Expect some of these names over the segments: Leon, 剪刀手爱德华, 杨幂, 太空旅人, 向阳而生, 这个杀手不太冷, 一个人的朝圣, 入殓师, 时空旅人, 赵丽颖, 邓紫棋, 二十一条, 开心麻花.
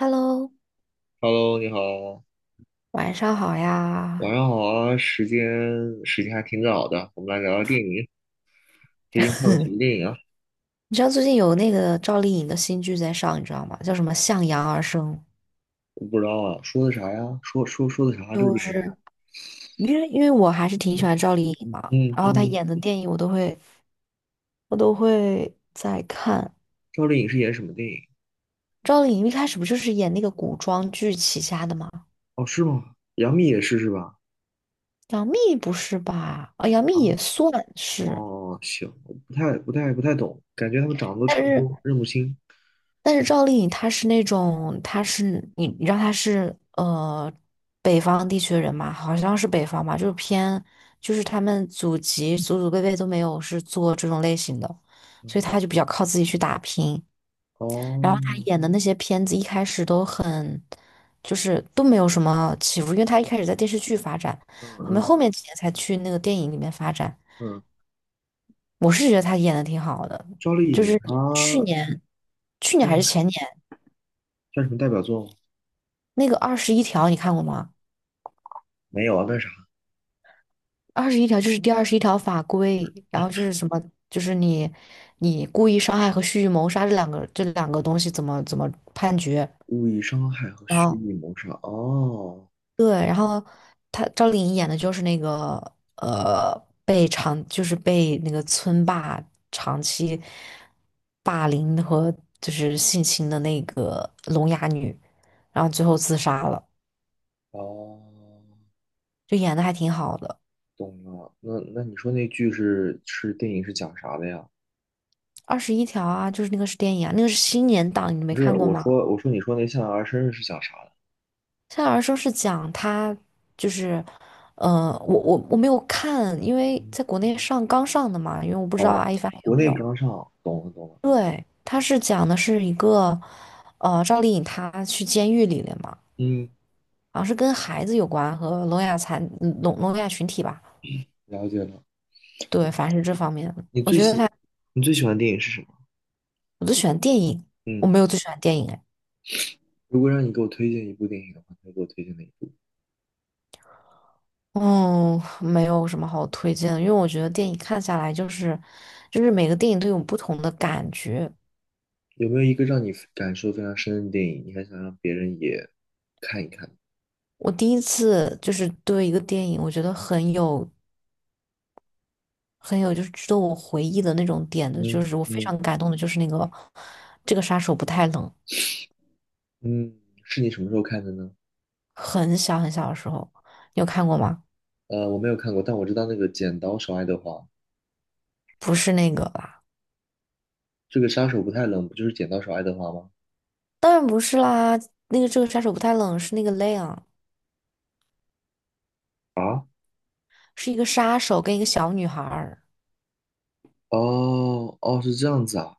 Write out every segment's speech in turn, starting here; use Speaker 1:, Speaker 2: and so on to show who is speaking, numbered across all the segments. Speaker 1: Hello，
Speaker 2: Hello，你好，
Speaker 1: 晚上好
Speaker 2: 晚
Speaker 1: 呀！
Speaker 2: 上好啊，时间还挺早的，我们来聊聊电影。最近看了什么电影啊？
Speaker 1: 你知道最近有那个赵丽颖的新剧在上，你知道吗？叫什么《向阳而生》，
Speaker 2: 我不知道啊，说的啥呀？说的啥啊？这个
Speaker 1: 就
Speaker 2: 电影是啥。
Speaker 1: 是因为我还是挺喜欢赵丽颖嘛，
Speaker 2: 嗯
Speaker 1: 然后她
Speaker 2: 嗯。
Speaker 1: 演的电影我都会在看。
Speaker 2: 赵丽颖是演什么电影？
Speaker 1: 赵丽颖一开始不就是演那个古装剧起家的吗？
Speaker 2: 哦，是吗？杨幂也是是吧？
Speaker 1: 杨幂不是吧？杨幂也
Speaker 2: 啊，
Speaker 1: 算是，
Speaker 2: 哦，行，我不太懂，感觉他们长得都
Speaker 1: 但
Speaker 2: 差不
Speaker 1: 是。
Speaker 2: 多，认不清。
Speaker 1: 但是赵丽颖她是那种，她是你你知道她是呃北方地区的人嘛，好像是北方吧，就是偏就是他们祖籍祖祖辈辈都没有是做这种类型的，
Speaker 2: 嗯。
Speaker 1: 所以她就比较靠自己去打拼。
Speaker 2: 哦。
Speaker 1: 然后她演的那些片子一开始都很就是都没有什么起伏，因为她一开始在电视剧发展，
Speaker 2: 嗯
Speaker 1: 后面
Speaker 2: 嗯
Speaker 1: 后面几年才去那个电影里面发展。
Speaker 2: 嗯。
Speaker 1: 我是觉得她演的挺好的，
Speaker 2: 赵丽
Speaker 1: 就
Speaker 2: 颖
Speaker 1: 是去
Speaker 2: 她
Speaker 1: 年去年还是前年。
Speaker 2: 算什么代表作吗？
Speaker 1: 那个二十一条你看过吗？
Speaker 2: 没有啊，那啥。
Speaker 1: 二十一条就是第21条法规，然后就是什么，就是你故意伤害和蓄意谋杀这两个东西怎么判决？
Speaker 2: 故意伤害和
Speaker 1: 然
Speaker 2: 蓄
Speaker 1: 后
Speaker 2: 意谋杀。哦。
Speaker 1: 对，然后他赵丽颖演的就是那个呃被那个村霸长期霸凌和就是性侵的那个聋哑女，然后最后自杀了，
Speaker 2: 哦，
Speaker 1: 就演的还挺好的。
Speaker 2: 懂了。那那你说那剧是是电影是讲啥的呀？
Speaker 1: 二十一条啊，就是那个是电影啊，那个是新年档，你没
Speaker 2: 不是，
Speaker 1: 看过
Speaker 2: 我
Speaker 1: 吗？
Speaker 2: 说我说你说那《向阳而生》是讲啥的？
Speaker 1: 夏尔生是讲他就是，我没有看，因为
Speaker 2: 嗯。
Speaker 1: 在国内上刚上的嘛，因为我不知道
Speaker 2: 哦，
Speaker 1: 阿一凡有
Speaker 2: 国
Speaker 1: 没
Speaker 2: 内
Speaker 1: 有。
Speaker 2: 刚上，懂了懂了。
Speaker 1: 对，他是讲的是一个，赵丽颖她去监狱里了嘛，
Speaker 2: 嗯，
Speaker 1: 好像是跟孩子有关和聋哑残嗯聋聋哑群体吧，
Speaker 2: 了解了。
Speaker 1: 对，反正是这方面的
Speaker 2: 你
Speaker 1: 我
Speaker 2: 最
Speaker 1: 觉得
Speaker 2: 喜
Speaker 1: 他，
Speaker 2: 你最喜欢的电影是什么？
Speaker 1: 我最喜欢电影，我
Speaker 2: 嗯，
Speaker 1: 没有最喜欢电影哎。
Speaker 2: 如果让你给我推荐一部电影的话，你会给我推荐哪一部？
Speaker 1: 嗯，没有什么好推荐的，因为我觉得电影看下来就是，就是每个电影都有不同的感觉。
Speaker 2: 有没有一个让你感受非常深的电影，你还想让别人也看一看？
Speaker 1: 我第一次就是对一个电影，我觉得很有就是值得我回忆的那种点的，就
Speaker 2: 嗯
Speaker 1: 是我非
Speaker 2: 嗯。
Speaker 1: 常感动的，就是那个这个杀手不太冷，
Speaker 2: 嗯，是你什么时候看的呢？
Speaker 1: 很小很小的时候，你有看过吗？
Speaker 2: 我没有看过，但我知道那个《剪刀手爱德华》。
Speaker 1: 不是那个吧？
Speaker 2: 这个杀手不太冷，不就是剪刀手爱德华吗？
Speaker 1: 当然不是啦，那个这个杀手不太冷是那个 Leon，
Speaker 2: 啊。
Speaker 1: 是一个杀手跟一个小女孩儿。
Speaker 2: 哦哦，是这样子啊。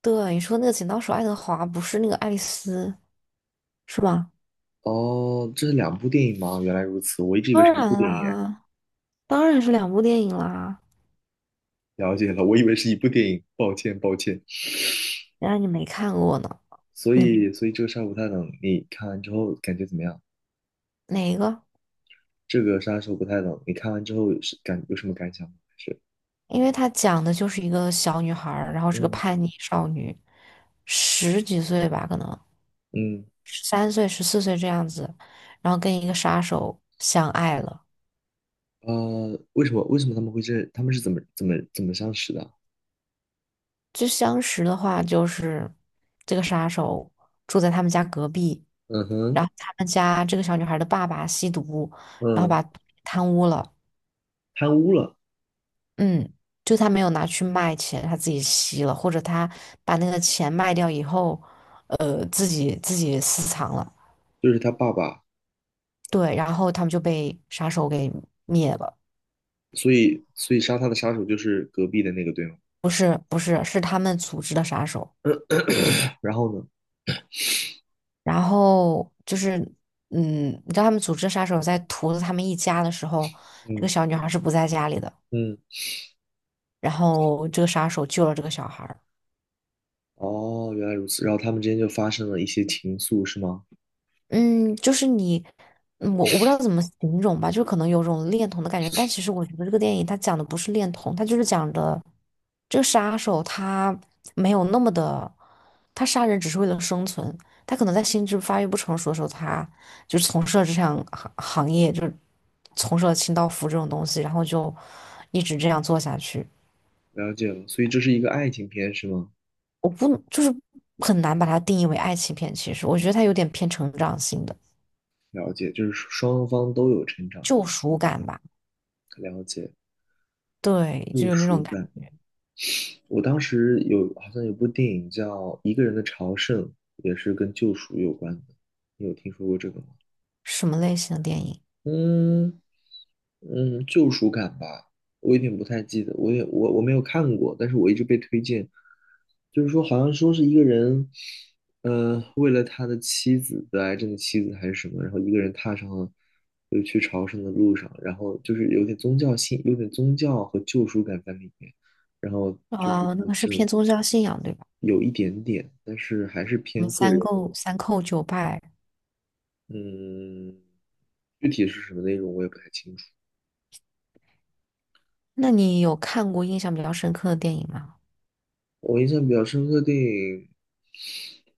Speaker 1: 对，你说那个剪刀手爱德华不是那个爱丽丝是吧？
Speaker 2: 哦，这是两部电影吗？原来如此，我一直以为是
Speaker 1: 当
Speaker 2: 一部
Speaker 1: 然
Speaker 2: 电影哎。
Speaker 1: 啦，当然是两部电影啦。
Speaker 2: 了解了，我以为是一部电影，抱歉抱歉。
Speaker 1: 原来你没看过呢？
Speaker 2: 所
Speaker 1: 你
Speaker 2: 以，所以这个杀手不太冷，你看完之后感觉怎么样？
Speaker 1: 哪一个？
Speaker 2: 这个杀手不太冷，你看完之后是感有什么感想吗？还是
Speaker 1: 因为它讲的就是一个小女孩儿，然后是个
Speaker 2: 嗯，
Speaker 1: 叛逆少女，十几岁吧，可能
Speaker 2: 嗯，
Speaker 1: 13岁、14岁这样子，然后跟一个杀手相爱了。
Speaker 2: 为什么他们会这？他们是怎么相识的？
Speaker 1: 就相识的话，就是这个杀手住在他们家隔壁，
Speaker 2: 嗯
Speaker 1: 然
Speaker 2: 哼。
Speaker 1: 后他们家这个小女孩的爸爸吸毒，然后
Speaker 2: 嗯。
Speaker 1: 把贪污了。
Speaker 2: 贪污了，
Speaker 1: 嗯，就他没有拿去卖钱，他自己吸了，或者他把那个钱卖掉以后，自己私藏了。
Speaker 2: 就是他爸爸。
Speaker 1: 对，然后他们就被杀手给灭了，
Speaker 2: 所以杀他的杀手就是隔壁的那个，对吗？
Speaker 1: 不是不是，是他们组织的杀手。
Speaker 2: 然后呢？
Speaker 1: 然后就是，嗯，你知道他们组织的杀手在屠了他们一家的时候，这
Speaker 2: 嗯。
Speaker 1: 个小女孩是不在家里的，
Speaker 2: 嗯，
Speaker 1: 然后这个杀手救了这个小孩。
Speaker 2: 哦，原来如此。然后他们之间就发生了一些情愫，是吗？
Speaker 1: 嗯，就是你，我不知道怎么形容吧，就可能有种恋童的感觉，但其实我觉得这个电影它讲的不是恋童，它就是讲的这个杀手他没有那么的，他杀人只是为了生存，他可能在心智发育不成熟的时候，他就从事了这项行业，就从事了清道夫这种东西，然后就一直这样做下去。
Speaker 2: 了解了。所以这是一个爱情片，是吗？
Speaker 1: 我不就是很难把它定义为爱情片，其实我觉得它有点偏成长性的
Speaker 2: 了解，就是双方都有成长，对
Speaker 1: 救
Speaker 2: 吧？
Speaker 1: 赎感吧，
Speaker 2: 了解，
Speaker 1: 对，就
Speaker 2: 救
Speaker 1: 有那
Speaker 2: 赎
Speaker 1: 种感
Speaker 2: 感。
Speaker 1: 觉
Speaker 2: 我当时有好像有部电影叫《一个人的朝圣》，也是跟救赎有关的。你有听说过这个吗？
Speaker 1: 什么类型的电影？
Speaker 2: 嗯。嗯，救赎感吧，我有点不太记得，我也我没有看过，但是我一直被推荐，就是说好像说是一个人，为了他的得癌症的妻子还是什么，然后一个人踏上了就是去朝圣的路上，然后就是有点宗教性，有点宗教和救赎感在里面，然后就是
Speaker 1: 啊，那
Speaker 2: 他
Speaker 1: 个是
Speaker 2: 就
Speaker 1: 偏宗教信仰，对吧？
Speaker 2: 有一点点，但是还是
Speaker 1: 什么
Speaker 2: 偏个人。
Speaker 1: 三叩九拜？
Speaker 2: 嗯，具体是什么内容我也不太清楚。
Speaker 1: 那你有看过印象比较深刻的电影吗？
Speaker 2: 我印象比较深刻的电影，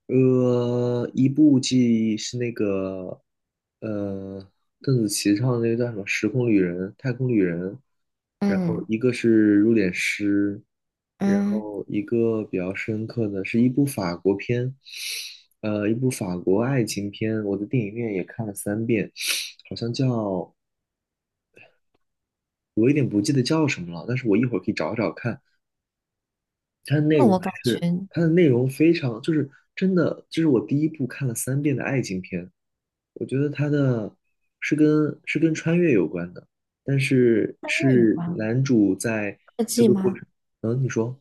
Speaker 2: 一部记忆是那个，呃，邓紫棋唱的那个叫什么《时空旅人》《太空旅人》，然后
Speaker 1: 嗯
Speaker 2: 一个是《入殓师》，然
Speaker 1: 嗯，
Speaker 2: 后一个比较深刻的是一部法国片，一部法国爱情片，我的电影院也看了三遍，好像叫，我有点不记得叫什么了，但是我一会儿可以找找看。它的内
Speaker 1: 那
Speaker 2: 容
Speaker 1: 我
Speaker 2: 还
Speaker 1: 感觉
Speaker 2: 是它的内容非常，就是真的，这是我第一部看了三遍的爱情片。我觉得它的是跟穿越有关的，但是
Speaker 1: 越有
Speaker 2: 是
Speaker 1: 关。
Speaker 2: 男主在
Speaker 1: 科
Speaker 2: 这
Speaker 1: 技
Speaker 2: 个过
Speaker 1: 吗？
Speaker 2: 程。嗯，你说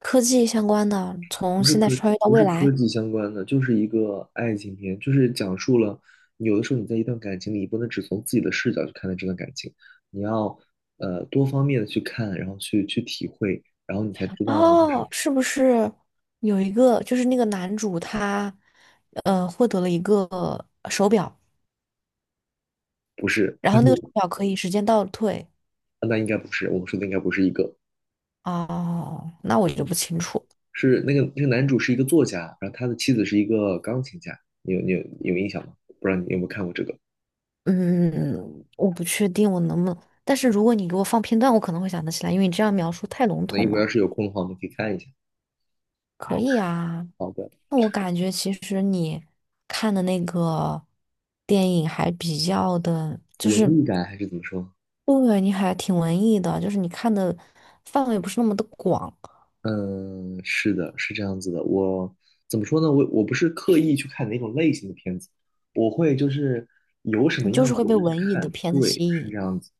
Speaker 1: 科技相关的，从现在穿越到
Speaker 2: 不
Speaker 1: 未
Speaker 2: 是科
Speaker 1: 来。
Speaker 2: 技相关的，就是一个爱情片，就是讲述了有的时候你在一段感情里，你不能只从自己的视角去看待这段感情，你要多方面的去看，然后去体会，然后你才知道就
Speaker 1: 哦，
Speaker 2: 是
Speaker 1: 是不是有一个就是那个男主他获得了一个手表，
Speaker 2: 不是。
Speaker 1: 然后那个手 表可以时间倒退？
Speaker 2: 那应该不是，我们说的应该不是一个。
Speaker 1: 哦，那我就
Speaker 2: 嗯，
Speaker 1: 不清楚。
Speaker 2: 是那个男主是一个作家，然后他的妻子是一个钢琴家，你有印象吗？不知道你有没有看过这个？
Speaker 1: 嗯，我不确定我能不能，但是如果你给我放片段，我可能会想得起来，因为你这样描述太笼
Speaker 2: 那一
Speaker 1: 统
Speaker 2: 会儿要
Speaker 1: 了。
Speaker 2: 是有空的话，我们可以看一下。
Speaker 1: 可好以啊，
Speaker 2: 好的，
Speaker 1: 那我感觉其实你看的那个电影还比较的，就
Speaker 2: 文
Speaker 1: 是
Speaker 2: 艺感还是怎么说？
Speaker 1: 对你还挺文艺的，就是你看的范围不是那么的广，
Speaker 2: 嗯，是的，是这样子的。我怎么说呢？我不是刻意去看哪种类型的片子，我会就是有什么
Speaker 1: 你就
Speaker 2: 样
Speaker 1: 是
Speaker 2: 子
Speaker 1: 会
Speaker 2: 我
Speaker 1: 被
Speaker 2: 就去
Speaker 1: 文艺的
Speaker 2: 看。
Speaker 1: 片子
Speaker 2: 对，
Speaker 1: 吸
Speaker 2: 是
Speaker 1: 引。
Speaker 2: 这样子。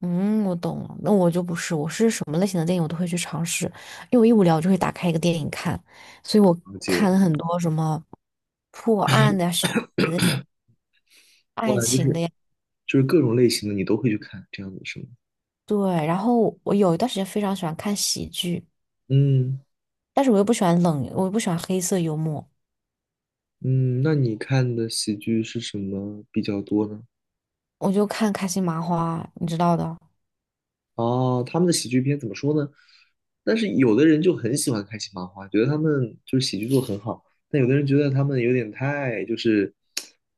Speaker 1: 嗯，我懂了。那我就不是，我是什么类型的电影我都会去尝试，因为我一无聊我就会打开一个电影看，所以我
Speaker 2: 而且，
Speaker 1: 看了很多什么破案的呀、悬疑的呀
Speaker 2: 哇，
Speaker 1: 爱
Speaker 2: 就
Speaker 1: 情的
Speaker 2: 是
Speaker 1: 呀。
Speaker 2: 就是各种类型的你都会去看，这样子是吗？
Speaker 1: 对，然后我有一段时间非常喜欢看喜剧，
Speaker 2: 嗯。
Speaker 1: 但是我又不喜欢冷，我又不喜欢黑色幽默，
Speaker 2: 嗯，那你看的喜剧是什么比较多呢？
Speaker 1: 我就看开心麻花，你知道的。
Speaker 2: 哦，他们的喜剧片怎么说呢？但是有的人就很喜欢开心麻花，觉得他们就是喜剧做得很好，但有的人觉得他们有点太，就是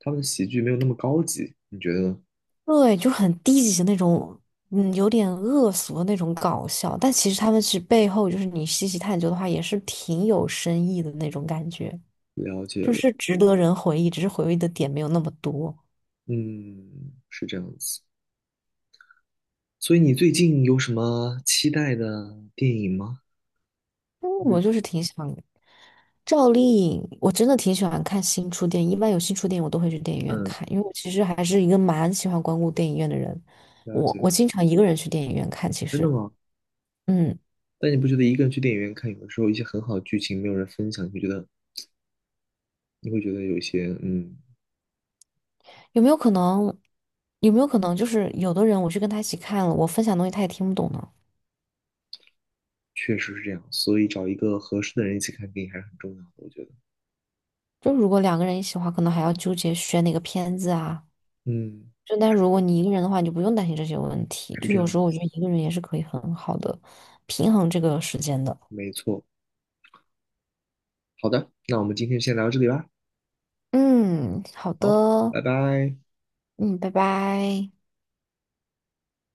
Speaker 2: 他们的喜剧没有那么高级，你觉得呢？
Speaker 1: 对，就很低级的那种，嗯，有点恶俗的那种搞笑，但其实他们是背后就是你细细探究的话，也是挺有深意的那种感觉。
Speaker 2: 了解
Speaker 1: 就
Speaker 2: 了。
Speaker 1: 是值得人回忆，只是回忆的点没有那么多。
Speaker 2: 嗯，是这样子。所以你最近有什么期待的电影吗？
Speaker 1: 嗯，
Speaker 2: 就
Speaker 1: 我
Speaker 2: 是
Speaker 1: 就是挺想赵丽颖，我真的挺喜欢看新出电影，一般有新出电影我都会去电影院
Speaker 2: 嗯，
Speaker 1: 看，因为我其实还是一个蛮喜欢光顾电影院的人。
Speaker 2: 了
Speaker 1: 我
Speaker 2: 解。
Speaker 1: 我经常一个人去电影院看，其
Speaker 2: 真的
Speaker 1: 实，
Speaker 2: 吗？
Speaker 1: 嗯，
Speaker 2: 但你不觉得一个人去电影院看，有的时候一些很好的剧情没有人分享，你会觉得有一些，嗯，
Speaker 1: 有没有可能？有没有可能就是有的人我去跟他一起看了，我分享东西他也听不懂呢？
Speaker 2: 确实是这样，所以找一个合适的人一起看电影还是很重要的，我觉得。
Speaker 1: 就如果两个人一起的话，可能还要纠结选哪个片子啊。
Speaker 2: 嗯，
Speaker 1: 就但如果你一个人的话，你就不用担心这些问题。
Speaker 2: 是
Speaker 1: 就
Speaker 2: 这
Speaker 1: 有
Speaker 2: 样
Speaker 1: 时候我
Speaker 2: 子，
Speaker 1: 觉得一个人也是可以很好的平衡这个时间的。
Speaker 2: 没错。好的，那我们今天先聊到这里吧。
Speaker 1: 嗯，好
Speaker 2: 好，
Speaker 1: 的，
Speaker 2: 拜拜。
Speaker 1: 嗯，拜拜。